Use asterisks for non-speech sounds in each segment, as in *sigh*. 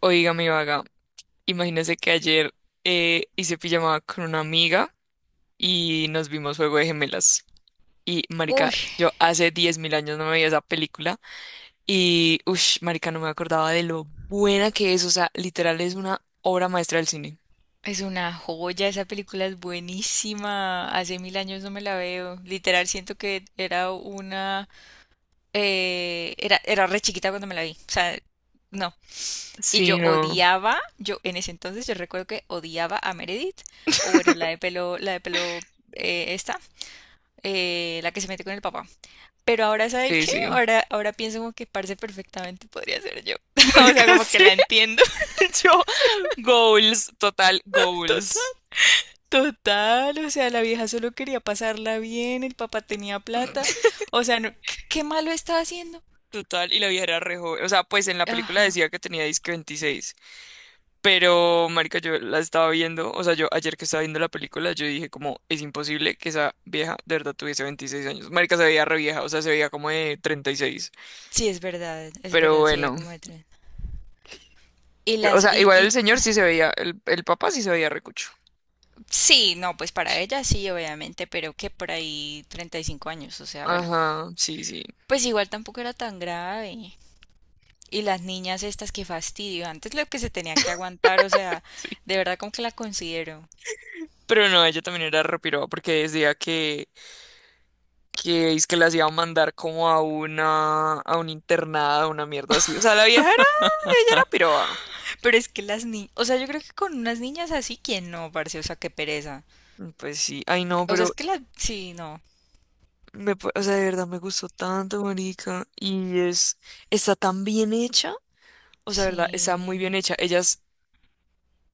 Oiga, mi vaga, imagínese que ayer hice pijamada con una amiga y nos vimos Juego de Gemelas. Y, marica, Uy, yo hace 10.000 años no veía esa película y, uff, marica, no me acordaba de lo buena que es. O sea, literal es una obra maestra del cine. es una joya, esa película es buenísima. Hace mil años no me la veo. Literal, siento que era una era re chiquita cuando me la vi. O sea, no. Y yo Sí, no. odiaba, yo en ese entonces yo recuerdo que odiaba a Meredith, o bueno, la de pelo, esta, la que se mete con el papá. Pero ahora, ¿sabe Sí, qué? sí. Ahora pienso como que parce perfectamente podría ser yo. *laughs* *laughs* O sea, Marica, como que sí. la entiendo. Yo, *laughs* goals. Total, o sea, la vieja solo quería pasarla bien, el papá tenía plata, o sea, ¿qué malo estaba haciendo. Total, y la vieja era re joven. O sea, pues en la película Ajá, decía que tenía disque 26. Pero, marica, yo la estaba viendo, o sea, yo ayer que estaba viendo la película, yo dije como, es imposible que esa vieja de verdad tuviese 26 años. Marica, se veía re vieja, o sea, se veía como de 36. sí, es Pero verdad, sería bueno, como de tren. Y pero, o las, sea, y, igual el y, señor sí se veía, el papá sí se veía recucho. sí, no, pues para ella sí, obviamente, pero que por ahí 35 años, o sea, bueno, Ajá, sí, sí, pues igual tampoco era tan grave. Y las niñas estas, que fastidio, antes lo que se tenía que aguantar, o sea, sí. de verdad como que la considero. Pero no, ella también era repiroba porque decía que es que las iba a mandar como a una, a un internado, una mierda así. O sea, la vieja era, ella era piroba. Pero es que las niñas, o sea, yo creo que con unas niñas así, ¿quién no, parce? O sea, qué pereza. Pues sí, ay no, O sea, es pero que la... Sí, no. O sea, de verdad me gustó tanto, marica. Y es, está tan bien hecha. O sea, de verdad, está muy bien Sí. hecha. Ellas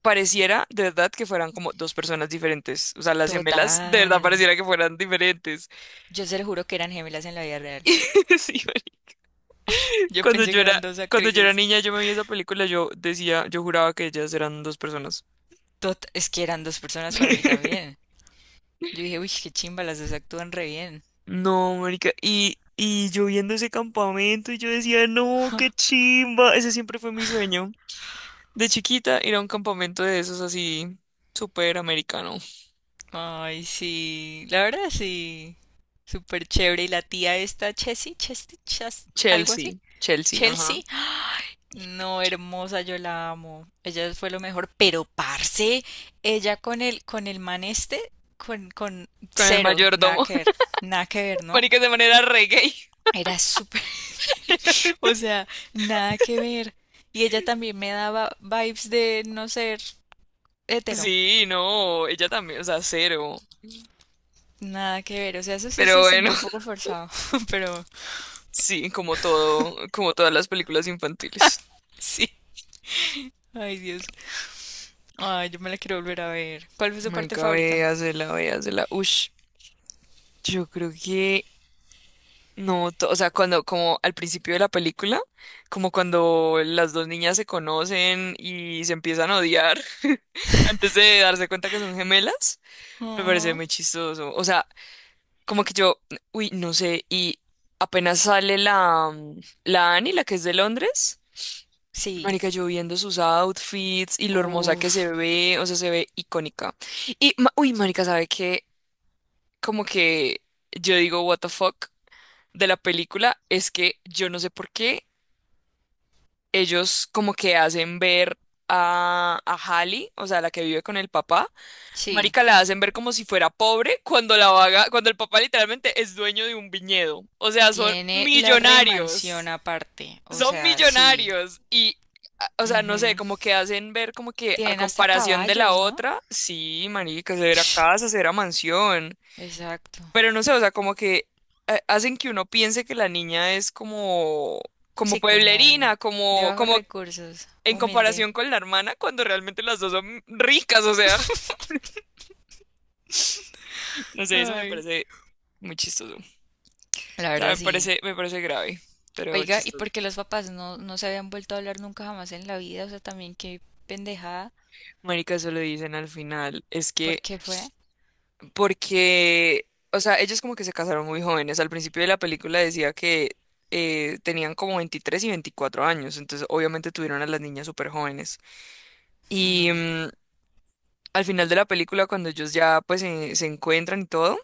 pareciera, de verdad, que fueran como dos personas diferentes. O sea, las gemelas, de verdad, Total. pareciera que fueran diferentes. Yo se lo juro que eran gemelas en la vida real. *laughs* Sí, marica. Yo Cuando pensé yo que era, eran dos cuando yo era actrices. niña, yo me vi esa película, yo decía, yo juraba que ellas eran dos personas. Es que eran dos personas para mí *laughs* también. Yo dije, uy, qué chimba, las dos actúan re bien. No, marica. Y yo viendo ese campamento, y yo decía, no, qué chimba. Ese siempre fue mi sueño. De chiquita ir a un campamento de esos así, súper americano. Ay, sí. La verdad, sí. Súper chévere. Y la tía esta, Chessy, Chesty, Chas, algo así. Chelsea, Chelsea, ajá. Chelsea, ay, no, hermosa, yo la amo. Ella fue lo mejor, pero parce, ella con el man este, con Con el cero, nada mayordomo. que ver, *laughs* nada que ver, ¿no? Marica, de manera reggae. Era súper, *laughs* *laughs* o sea, nada que ver. Y ella también me daba vibes de no ser hetero, Sí, no, ella también, o sea, cero. nada que ver. O sea, eso sí Pero se bueno, sintió un poco *laughs* forzado, *laughs* pero sí, como todo, como todas las películas infantiles. sí. Ay, Dios. Ay, yo me la quiero volver a ver. ¿Cuál fue su parte Marica, favorita? véasela, véasela. Ush, yo creo que no, o sea, cuando, como al principio de la película, como cuando las dos niñas se conocen y se empiezan a odiar *laughs* antes de darse cuenta que son gemelas, me parece Ajá. muy chistoso. O sea, como que yo, uy, no sé, y apenas sale la Annie, la que es de Londres, Sí. marica, yo viendo sus outfits y lo hermosa que se Uf. ve, o sea, se ve icónica. Uy, marica, ¿sabe qué? Como que yo digo, what the fuck de la película es que yo no sé por qué ellos como que hacen ver a Hallie, o sea, la que vive con el papá. Sí, Marica, la hacen ver como si fuera pobre cuando la vaga, cuando el papá literalmente es dueño de un viñedo. O sea, tiene la remansión aparte, o son sea, sí. millonarios y o sea, no Ujú. sé, como que hacen ver como que a Tienen hasta comparación de la caballos, ¿no? otra, sí, marica, se *sniffs* verá Psh, casa, se verá mansión. exacto. Pero no sé, o sea, como que hacen que uno piense que la niña es como Sí, como pueblerina, de como, bajos como recursos, en humilde. comparación con la hermana, cuando realmente las dos son ricas, o sea, *laughs* no sé, eso me Ay. parece muy chistoso. O La sea, verdad, sí. Me parece grave, pero Oiga, ¿y chistoso. por qué los papás no, no se habían vuelto a hablar nunca jamás en la vida? O sea, también qué pendejada. Marica, eso lo dicen al final, es ¿Por que qué fue? porque, o sea, ellos como que se casaron muy jóvenes. Al principio de la película decía que tenían como 23 y 24 años, entonces obviamente tuvieron a las niñas súper jóvenes. Y, Mm. mm, al final de la película, cuando ellos ya pues se encuentran y todo,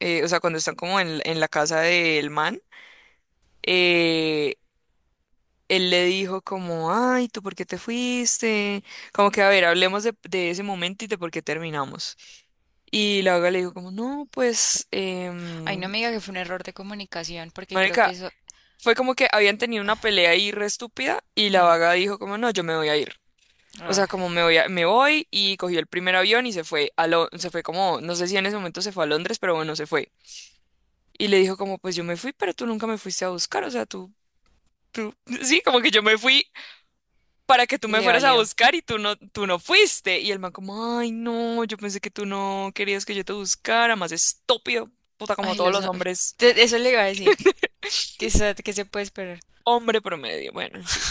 o sea, cuando están como en la casa del man, eh, él le dijo como, ay, ¿tú por qué te fuiste? Como que, a ver, hablemos de ese momento y de por qué terminamos. Y la Vaga le dijo como, no, pues, Ay, no me diga que fue un error de comunicación, porque creo que marica, eso... fue como que habían tenido una pelea ahí re estúpida y la Mm. vaga dijo como, no, yo me voy a ir. O Ah, sea, como me voy, me voy, y cogió el primer avión y se fue se fue como, no sé si en ese momento se fue a Londres, pero bueno, se fue. Y le dijo como, pues yo me fui, pero tú nunca me fuiste a buscar, o sea, tú, *laughs* sí, como que yo me fui para que tú y me le fueras a valió. buscar y tú no fuiste. Y el man como, ay, no, yo pensé que tú no querías que yo te buscara. Más estúpido, puta, como Ay, todos los... los hombres, Eso le iba a decir. ¿Qué se puede esperar? hombre promedio, bueno, en fin.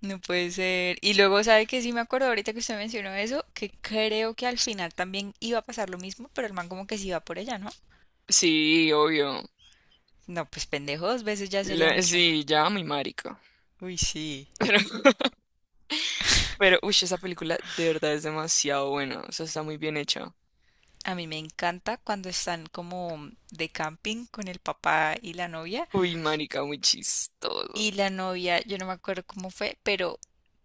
No puede ser. Y luego, ¿sabe que Sí me acuerdo ahorita que usted mencionó eso, que creo que al final también iba a pasar lo mismo, pero el man como que sí iba por ella, ¿no? Sí, obvio. No, pues pendejo, dos veces ya sería mucho. Sí, ya, mi marica. Uy, sí. *laughs* Pero, uy, esa película de verdad es demasiado buena. O sea, está muy bien hecha. A mí me encanta cuando están como de camping con el papá y la novia. Uy, marica, muy chistoso. Y la novia, yo no me acuerdo cómo fue, pero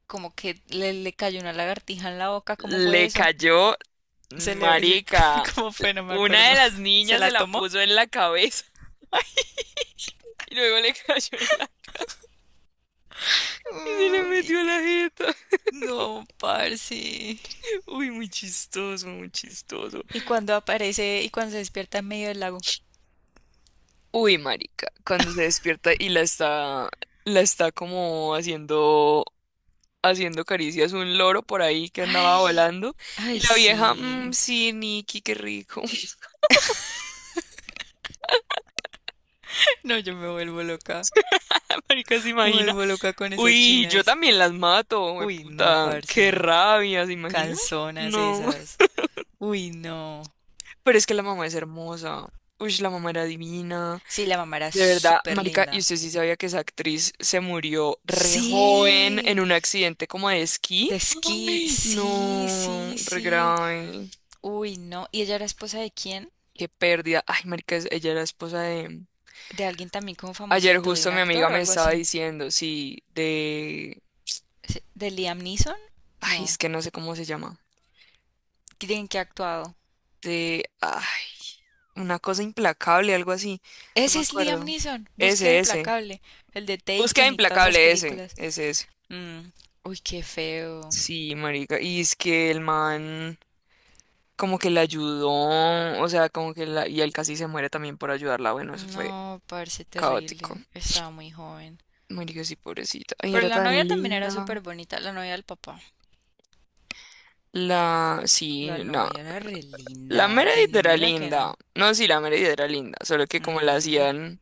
como que le cayó una lagartija en la boca. ¿Cómo fue Le eso? cayó, Se le, se- marica. *laughs* ¿Cómo fue? No me Una acuerdo. de las *laughs* ¿Se niñas la se la tomó? puso en la cabeza *laughs* y luego le cayó en la... Y se le Uy, metió en la jeta. no, parce. *laughs* Uy, muy chistoso, muy chistoso. Y cuando aparece y cuando se despierta en medio del lago. Uy, marica, cuando se despierta y la está como haciendo caricias un loro por ahí que andaba Ay, volando. ay, Y la vieja, "Mm, sí. sí, Nikki, qué rico". *laughs* *laughs* No, yo me vuelvo loca. *laughs* Marica, ¿se Me imagina? vuelvo loca con esas Uy, yo chinas. también las mato, we Uy, no, puta. Qué parce. rabia, ¿se imagina? Canzonas No, esas. *laughs* Uy, no. pero es que la mamá es hermosa. Uy, la mamá era divina. Sí, la mamá era De verdad, súper marica, y linda. usted sí sabía que esa actriz se murió re joven Sí, en un accidente como de esquí. de esquí, Ay, sí, no, sí, re sí. grave. Uy, no. ¿Y ella era esposa de quién? Qué pérdida. Ay, marica, ella era esposa de... De alguien también como Ayer famosito, de justo un mi amiga actor o me algo estaba así. diciendo, sí, de... ¿De Liam Neeson? Ay, es No. que no sé cómo se llama. ¿Quién que ha actuado? De, ay, una cosa implacable, algo así, no me Ese es Liam acuerdo. Neeson. Búsqueda Ese, ese. implacable. El de Búsqueda Taken y todas esas implacable, ese, películas. ese, ese. Mm, uy, qué feo. Sí, marica, y es que el man como que la ayudó, o sea, como que y él casi se muere también por ayudarla. Bueno, eso fue No, parece caótico. terrible. Estaba muy joven. Marica, sí, pobrecita. Ay, Pero era la tan novia también era linda. súper bonita. La novia del papá. La, La sí, no. novia era re La linda. Ay, Meredith no me era diga que linda. no. No, sí, la Meredith era linda, solo que como la Mm, hacían.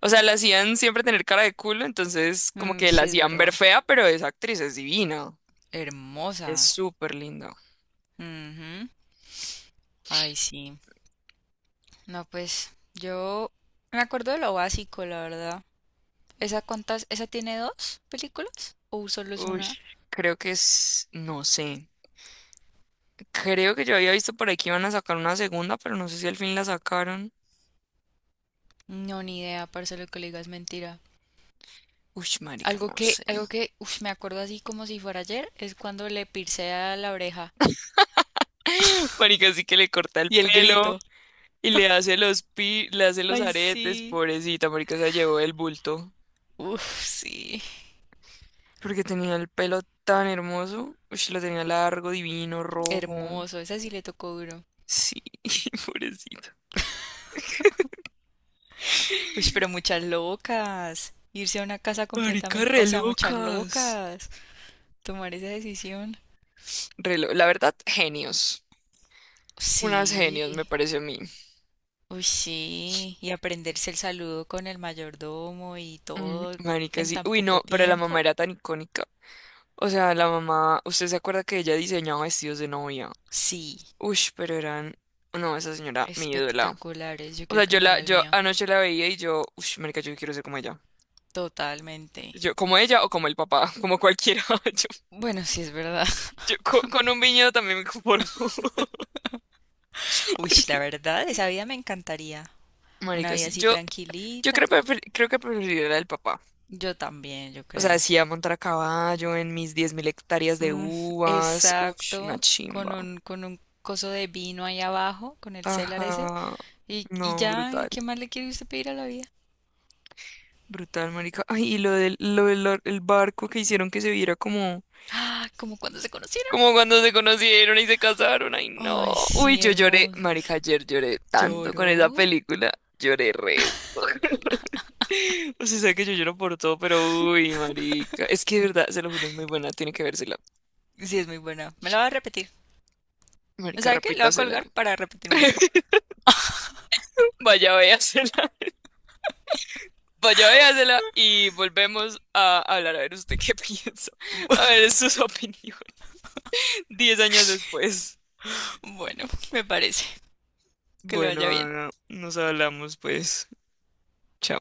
O sea, la hacían siempre tener cara de culo, entonces como mm, que la sí, es hacían ver verdad. fea, pero esa actriz es divina. Es Hermosa. súper linda. Ujú. Ay, sí. No, pues yo me acuerdo de lo básico, la verdad. ¿Esa cuántas? ¿Esa tiene dos películas? ¿O solo es Uy, una? creo que es, no sé. Creo que yo había visto por ahí que iban a sacar una segunda, pero no sé si al fin la sacaron. No, ni idea, parce, lo que le digas es mentira. Uy, marica, Algo no que, sé. algo que, uf, me acuerdo así como si fuera ayer, es cuando le pircea la oreja *laughs* Marica, sí que le corta el y el pelo grito. y le hace los Ay, aretes, sí. pobrecita, marica, se llevó el bulto. Uf, sí. Porque tenía el pelo tan hermoso. Uy, lo tenía largo, divino, rojo. Hermoso, esa sí le tocó duro. Sí, *laughs* pobrecito. Uy, pero muchas locas. Irse a una casa Marica, completamente, re o sea, muchas locas. locas. Tomar esa decisión. La verdad, genios. Unas genios, Sí. me parece a mí. Uy, sí. Y aprenderse el saludo con el mayordomo y Mm, todo marica, en sí. tan Uy, no, poco pero la mamá tiempo. era tan icónica. O sea, la mamá, ¿usted se acuerda que ella diseñaba vestidos de novia? Sí. Uy, pero eran. No, esa señora, mi ídola. Espectaculares, yo O sea, quiero que yo me la, haga el yo mío. anoche la veía y yo, uy, marica, yo quiero ser como ella. Totalmente. Yo, como ella o como el papá, como cualquiera. *laughs* Bueno, sí es verdad. *laughs* Yo con un viñedo también me conformo. Uy, la *laughs* verdad, esa vida me encantaría. Una Marica, vida sí. así Yo tranquilita. creo, creo que preferiría la del papá. Yo también, yo O sea, creo. decía montar a caballo en mis 10.000 hectáreas de Mm, uvas. Ush, una exacto. chimba. Con un coso de vino ahí abajo, con el celar ese. Ajá. Y No, ya, brutal. ¿y qué más le quiere usted pedir a la vida? Brutal, marica. Ay, y lo del el barco que hicieron que se viera como... Ah, como cuando se conocieron. Como cuando se conocieron y se casaron. Ay, no. Ay, Uy, sí, yo lloré. Marica, hermosos. ayer lloré tanto con esa ¿Lloró? película. Lloré re. *laughs* O sea, sabe que yo lloro por todo, pero uy, marica. Es que de verdad, se lo juro, es muy buena. Tiene que vérsela. Sí, es muy buena. Me la va a repetir. Marica, ¿Sabe qué? La voy a repítasela. colgar para repetírmela. *laughs* Vaya, véasela. Vaya, véasela y volvemos a hablar. A ver usted qué *laughs* piensa. A ver sus *laughs* opiniones. 10 años después. Bueno, *laughs* me parece. Que le Bueno, vaya bien. Ana, nos hablamos pues. Chao.